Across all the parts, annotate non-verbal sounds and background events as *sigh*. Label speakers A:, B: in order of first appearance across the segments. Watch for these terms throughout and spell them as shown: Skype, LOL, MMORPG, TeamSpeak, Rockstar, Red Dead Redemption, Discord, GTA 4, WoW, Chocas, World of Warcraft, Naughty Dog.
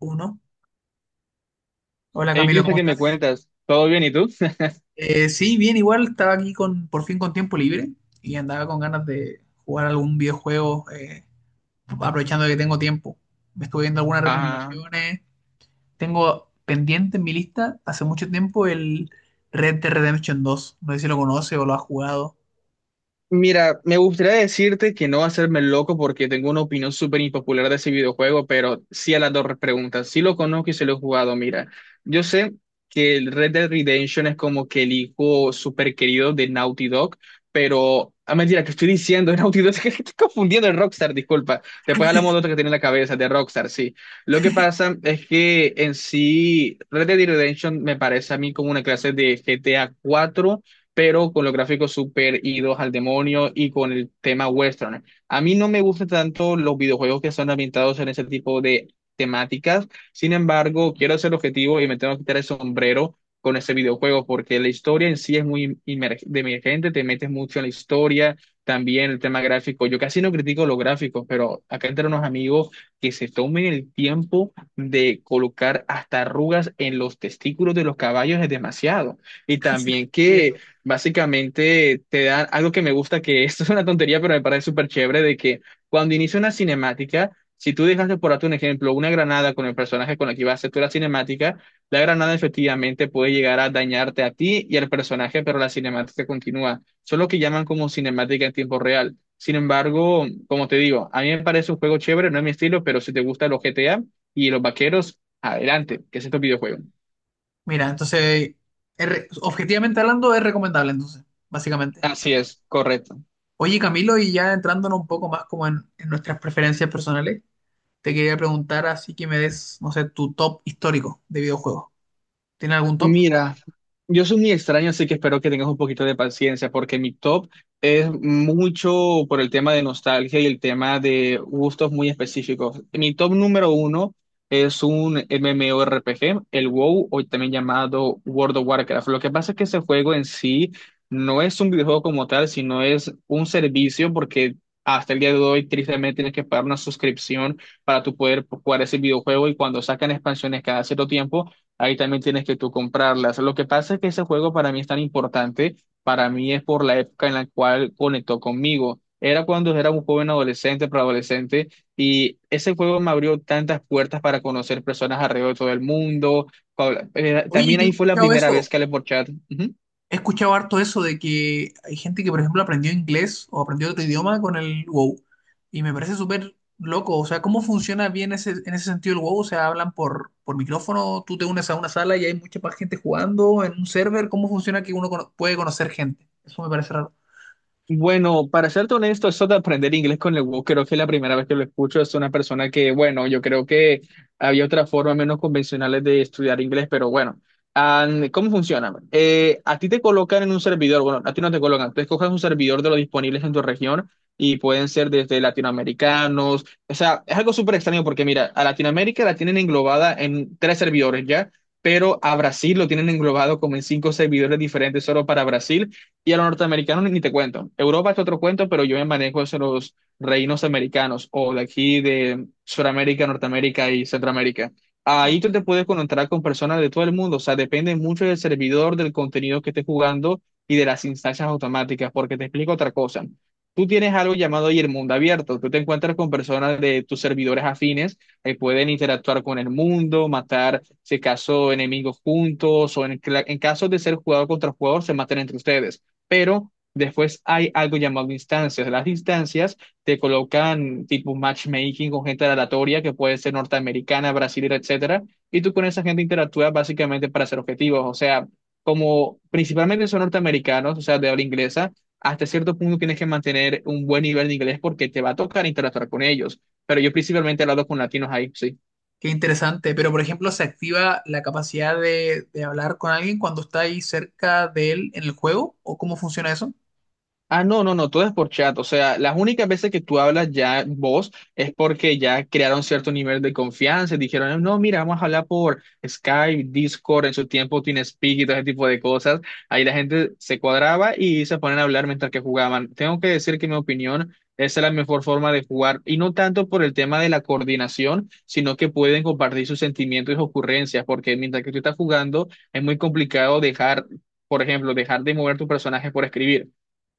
A: Uno. Hola
B: Hey,
A: Camilo,
B: Cristo,
A: ¿cómo
B: ¿qué me
A: estás?
B: cuentas? ¿Todo bien y tú? *laughs*
A: Sí, bien, igual estaba aquí con por fin con tiempo libre y andaba con ganas de jugar algún videojuego, aprovechando que tengo tiempo. Me estuve viendo algunas
B: Ah.
A: recomendaciones. Tengo pendiente en mi lista hace mucho tiempo el Red Dead Redemption 2. No sé si lo conoce o lo ha jugado. *laughs*
B: Mira, me gustaría decirte que no hacerme el loco porque tengo una opinión súper impopular de ese videojuego, pero sí a las dos preguntas. Sí lo conozco y se lo he jugado. Mira, yo sé que el Red Dead Redemption es como que el hijo súper querido de Naughty Dog, pero a mentira que estoy diciendo, *laughs* de Naughty Dog, *laughs* es que estoy confundiendo el Rockstar, disculpa. Después hablamos de otro que tiene en la cabeza, de Rockstar, sí. Lo que pasa es que en sí, Red Dead Redemption me parece a mí como una clase de GTA 4 pero con los gráficos super idos al demonio y con el tema western. A mí no me gustan tanto los videojuegos que son ambientados en ese tipo de temáticas, sin embargo, quiero ser objetivo y me tengo que quitar el sombrero con ese videojuego porque la historia en sí es muy de emergente, te metes mucho en la historia, también el tema gráfico. Yo casi no critico los gráficos, pero acá entre unos amigos que se tomen el tiempo de colocar hasta arrugas en los testículos de los caballos es demasiado. Y
A: Sí,
B: también
A: sí, eso.
B: que. Básicamente te dan algo que me gusta, que *laughs* esto es una tontería, pero me parece súper chévere, de que cuando inicia una cinemática, si tú dejas de por darte un ejemplo, una granada con el personaje con el que vas a hacer tú la cinemática, la granada efectivamente puede llegar a dañarte a ti y al personaje, pero la cinemática continúa. Eso es lo que llaman como cinemática en tiempo real. Sin embargo, como te digo, a mí me parece un juego chévere, no es mi estilo, pero si te gustan los GTA y los vaqueros, adelante, que es este videojuego.
A: Mira, entonces, objetivamente hablando, es recomendable, entonces, básicamente.
B: Así es, correcto.
A: Oye, Camilo, y ya entrándonos un poco más como en nuestras preferencias personales, te quería preguntar así que me des, no sé, tu top histórico de videojuegos. ¿Tienes algún top?
B: Mira, yo soy muy extraño, así que espero que tengas un poquito de paciencia, porque mi top es mucho por el tema de nostalgia y el tema de gustos muy específicos. Mi top número uno es un MMORPG, el WoW, hoy también llamado World of Warcraft. Lo que pasa es que ese juego en sí no es un videojuego como tal, sino es un servicio, porque hasta el día de hoy, tristemente, tienes. Ahí también tienes que tú comprarlas. Lo que pasa es que ese juego para mí es tan importante, para mí es por la época en la cual conectó conmigo. Era cuando era un joven adolescente, preadolescente, y ese juego me abrió tantas puertas para conocer personas alrededor de todo el mundo. Paula,
A: Oye,
B: también
A: yo he
B: ahí fue la
A: escuchado
B: primera
A: eso,
B: vez que hablé por chat. Ujú.
A: he escuchado harto eso de que hay gente que, por ejemplo, aprendió inglés o aprendió otro idioma con el WoW. Y me parece súper loco. O sea, ¿cómo funciona bien ese, en ese sentido el WoW? O sea, hablan por micrófono, tú te unes a una sala y hay mucha más gente jugando en un server. ¿Cómo funciona que uno puede conocer gente? Eso me parece
B: Bueno, para serte honesto, eso de aprender inglés con el WoW, creo que es la primera vez que lo escucho. Es una persona que, bueno, yo creo que había otras formas menos convencionales de estudiar inglés, pero bueno. Ah, ¿cómo funciona? A ti te colocan en un servidor, bueno, a ti no te colocan, tú escoges un servidor de los disponibles en tu región y pueden ser desde latinoamericanos. O sea, es algo súper extraño porque, mira, a Latinoamérica la tienen englobada en tres servidores ya, pero a Brasil lo tienen englobado como en cinco servidores diferentes solo para Brasil y a los norteamericanos ni te cuento. Europa es otro cuento, pero yo me manejo en los reinos americanos o de aquí de Sudamérica, Norteamérica y Centroamérica. Ahí tú te
A: raro.
B: puedes conectar con personas de todo el mundo. O sea, depende mucho del servidor, del contenido que estés jugando y de las instancias automáticas, porque te explico otra cosa. Tú tienes algo llamado ahí el mundo abierto. Tú te encuentras con personas de tus servidores afines que pueden interactuar con el mundo, matar, si acaso, enemigos juntos o en caso de ser jugador contra jugador, se matan entre ustedes, pero después hay algo llamado instancias. Las instancias te colocan tipo matchmaking con gente aleatoria que puede ser norteamericana, brasilera, etcétera, y tú con esa gente interactúas básicamente para hacer objetivos. O sea, como principalmente son norteamericanos, o sea, de habla inglesa, hasta cierto punto tienes que mantener un buen nivel de inglés porque te va a tocar interactuar con ellos. Pero yo principalmente he hablado con latinos ahí, sí.
A: Qué interesante, pero por ejemplo, se activa la capacidad de hablar con alguien cuando está ahí cerca de él en el juego, ¿o cómo funciona eso?
B: Ah, no, no, no, todo es por chat. O sea, las únicas veces que tú hablas ya vos es porque ya crearon cierto nivel de confianza y dijeron, no, mira, vamos a hablar por Skype, Discord, en su tiempo TeamSpeak y todo ese tipo de cosas. Ahí la gente se cuadraba y se ponían a hablar mientras que jugaban. Tengo que decir que, en mi opinión, esa es la mejor forma de jugar, y no tanto por el tema de la coordinación, sino que pueden compartir sus sentimientos y sus ocurrencias, porque mientras que tú estás jugando, es muy complicado dejar, por ejemplo, dejar de mover tu personaje por escribir.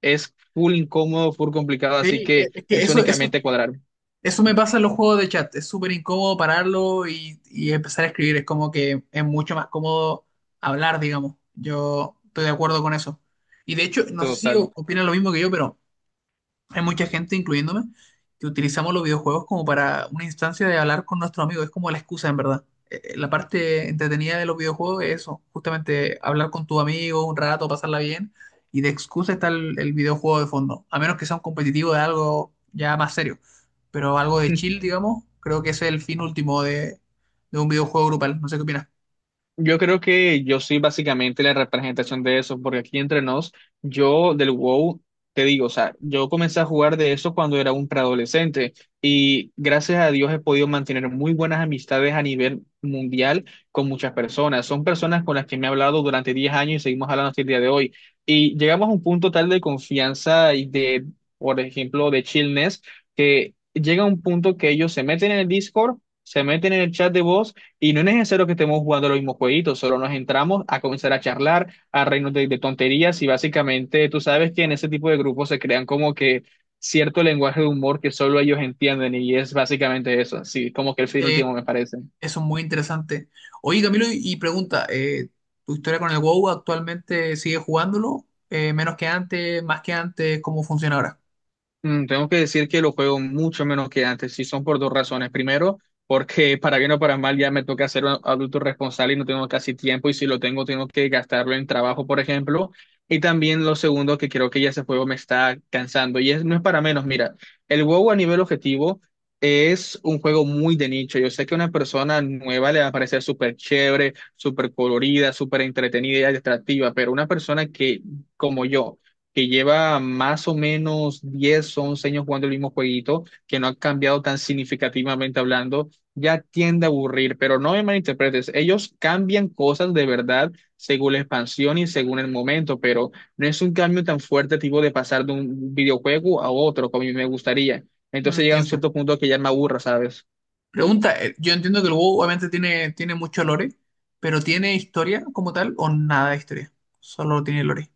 B: Es full incómodo, full complicado, así
A: Sí, es
B: que
A: es que
B: es
A: eso, eso,
B: únicamente cuadrar.
A: eso me pasa en los juegos de chat, es súper incómodo pararlo y empezar a escribir, es como que es mucho más cómodo hablar, digamos, yo estoy de acuerdo con eso. Y de hecho, no sé si
B: Total.
A: opinan lo mismo que yo, pero hay mucha gente, incluyéndome, que utilizamos los videojuegos como para una instancia de hablar con nuestros amigos. Es como la excusa, en verdad. La parte entretenida de los videojuegos es eso, justamente hablar con tu amigo un rato, pasarla bien, y de excusa está el videojuego de fondo, a menos que sea un competitivo de algo ya más serio, pero algo de chill, digamos, creo que ese es el fin último de un videojuego grupal. No sé qué opinas.
B: Yo creo que yo soy básicamente la representación de eso, porque aquí entre nos, yo del WoW, te digo, o sea, yo comencé a jugar de eso cuando era un preadolescente y gracias a Dios he podido mantener muy buenas amistades a nivel mundial con muchas personas. Son personas con las que me he hablado durante 10 años y seguimos hablando hasta el día de hoy. Y llegamos a un punto tal de confianza y de, por ejemplo, de chillness, que llega a un punto que ellos se meten en el Discord, se meten en el chat de voz y no es necesario que estemos jugando los mismos jueguitos, solo nos entramos a comenzar a charlar, a reírnos de tonterías, y básicamente tú sabes que en ese tipo de grupos se crean como que cierto lenguaje de humor que solo ellos entienden, y es básicamente eso, sí, como que el fin
A: Eh,
B: último me parece.
A: Eso es muy interesante. Oye, Camilo, y pregunta, ¿tu historia con el WoW actualmente sigue jugándolo? ¿Menos que antes? ¿Más que antes? ¿Cómo funciona ahora?
B: Tengo que decir que lo juego mucho menos que antes, y son por dos razones. Primero, porque para bien o para mal ya me toca ser un adulto responsable y no tengo casi tiempo, y si lo tengo, tengo que gastarlo en trabajo, por ejemplo. Y también lo segundo, que creo que ya ese juego me está cansando, y es, no es para menos. Mira, el WoW a nivel objetivo es un juego muy de nicho. Yo sé que a una persona nueva le va a parecer súper chévere, súper colorida, súper entretenida y atractiva, pero una persona que, como yo, que lleva más o menos 10, 11 años jugando el mismo jueguito, que no ha cambiado tan significativamente hablando, ya tiende a aburrir, pero no me malinterpretes, ellos cambian cosas de verdad según la expansión y según el momento, pero no es un cambio tan fuerte tipo de pasar de un videojuego a otro como a mí me gustaría. Entonces llega a un
A: Entiendo.
B: cierto punto que ya no me aburra, ¿sabes?
A: Pregunta, yo entiendo que el WoW obviamente tiene, tiene mucho lore, pero ¿tiene historia como tal o nada de historia? Solo tiene lore.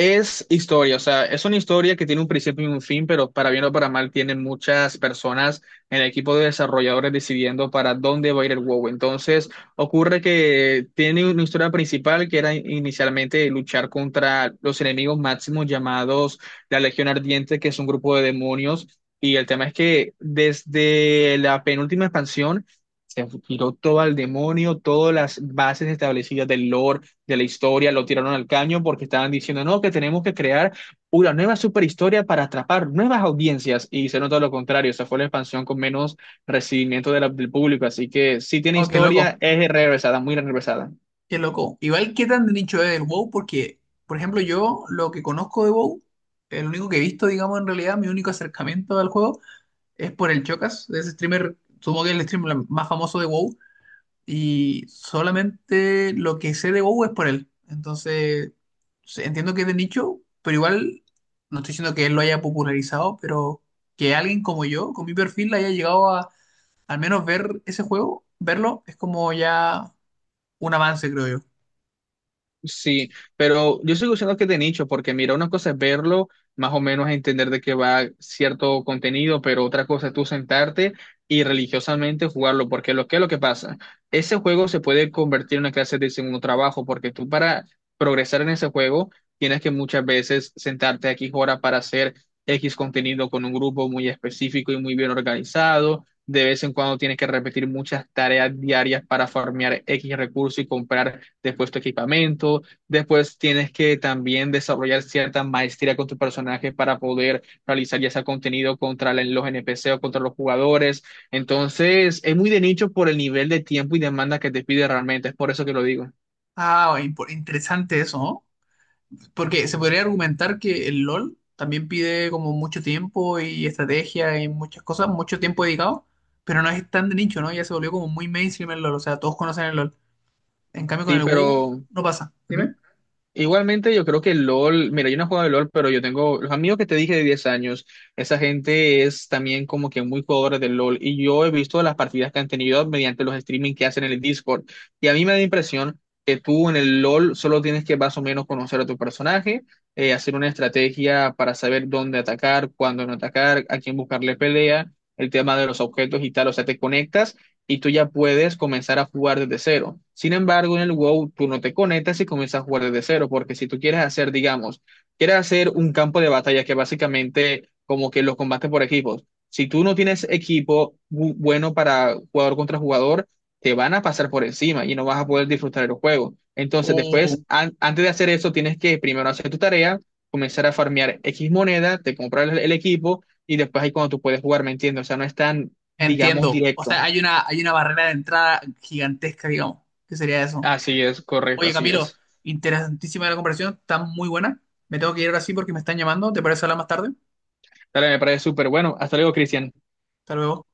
B: Es historia, o sea, es una historia que tiene un principio y un fin, pero para bien o para mal tienen muchas personas en el equipo de desarrolladores decidiendo para dónde va a ir el WoW. Entonces, ocurre que tiene una historia principal que era inicialmente luchar contra los enemigos máximos llamados la Legión Ardiente, que es un grupo de demonios. Y el tema es que desde la penúltima expansión se tiró todo al demonio, todas las bases establecidas del lore de la historia, lo tiraron al caño porque estaban diciendo, no, que tenemos que crear una nueva superhistoria para atrapar nuevas audiencias, y se nota lo contrario, esa fue la expansión con menos recibimiento de del público, así que sí tiene
A: Oh, qué loco,
B: historia, es regresada, muy regresada.
A: qué loco. Igual, ¿qué tan de nicho es el WoW? Porque, por ejemplo, yo lo que conozco de WoW, el único que he visto, digamos, en realidad, mi único acercamiento al juego, es por el Chocas, ese streamer, supongo que es el streamer más famoso de WoW, y solamente lo que sé de WoW es por él. Entonces, entiendo que es de nicho, pero igual no estoy diciendo que él lo haya popularizado, pero que alguien como yo, con mi perfil, haya llegado a al menos ver ese juego, verlo, es como ya un avance, creo yo.
B: Sí, pero. Yo sigo diciendo que es de nicho, porque mira, una cosa es verlo, más o menos entender de qué va cierto contenido, pero otra cosa es tú sentarte y religiosamente jugarlo, porque lo que es lo que pasa, ese juego se puede convertir en una clase de segundo trabajo, porque tú para progresar en ese juego tienes que muchas veces sentarte aquí horas para hacer X contenido con un grupo muy específico y muy bien organizado. De vez en cuando tienes que repetir muchas tareas diarias para farmear X recursos y comprar después tu equipamiento, después tienes que también desarrollar cierta maestría con tu personaje para poder realizar ya sea contenido contra la- los NPC o contra los jugadores. Entonces, es muy de nicho por el nivel de tiempo y demanda que te pide realmente, es por eso que lo digo.
A: Ah, interesante eso, ¿no? Porque se podría argumentar que el LOL también pide como mucho tiempo y estrategia y muchas cosas, mucho tiempo dedicado, pero no es tan de nicho, ¿no? Ya se volvió como muy mainstream el LOL, o sea, todos conocen el LOL. En cambio con
B: Sí,
A: el WoW
B: pero...
A: no pasa.
B: Ujú.
A: Dime.
B: Igualmente, yo creo que LOL, mira, yo no he jugado de LOL, pero yo tengo los amigos que te dije de 10 años, esa gente es también como que muy jugadora de LOL, y yo he visto las partidas que han tenido mediante los streaming que hacen en el Discord, y a mí me da la impresión que tú en el LOL solo tienes que más o menos conocer a tu personaje, hacer una estrategia para saber dónde atacar, cuándo no atacar, a quién buscarle pelea, el tema de los objetos y tal, o sea, te conectas y tú ya puedes comenzar a jugar desde cero. Sin embargo, en el WoW tú no te conectas y comienzas a jugar desde cero, porque si tú quieres hacer, digamos, quieres hacer un campo de batalla que básicamente como que los combates por equipos, si tú no tienes equipo bueno para jugador contra jugador, te van a pasar por encima y no vas a poder disfrutar el juego. Entonces,
A: O-
B: después, antes de hacer eso, tienes que primero hacer tu tarea, comenzar a farmear X moneda, te compras el equipo y después ahí cuando tú puedes jugar, ¿me entiendes? O sea, no es tan, digamos,
A: Entiendo. O
B: directo.
A: sea, hay una barrera de entrada gigantesca, digamos, que sería eso.
B: Así es, correcto,
A: Oye,
B: así
A: Camilo,
B: es.
A: interesantísima la conversación, está muy buena. Me tengo que ir ahora sí porque me están llamando, ¿te parece hablar más tarde?
B: Dale, me parece súper bueno. Hasta luego, Cristian.
A: Hasta luego.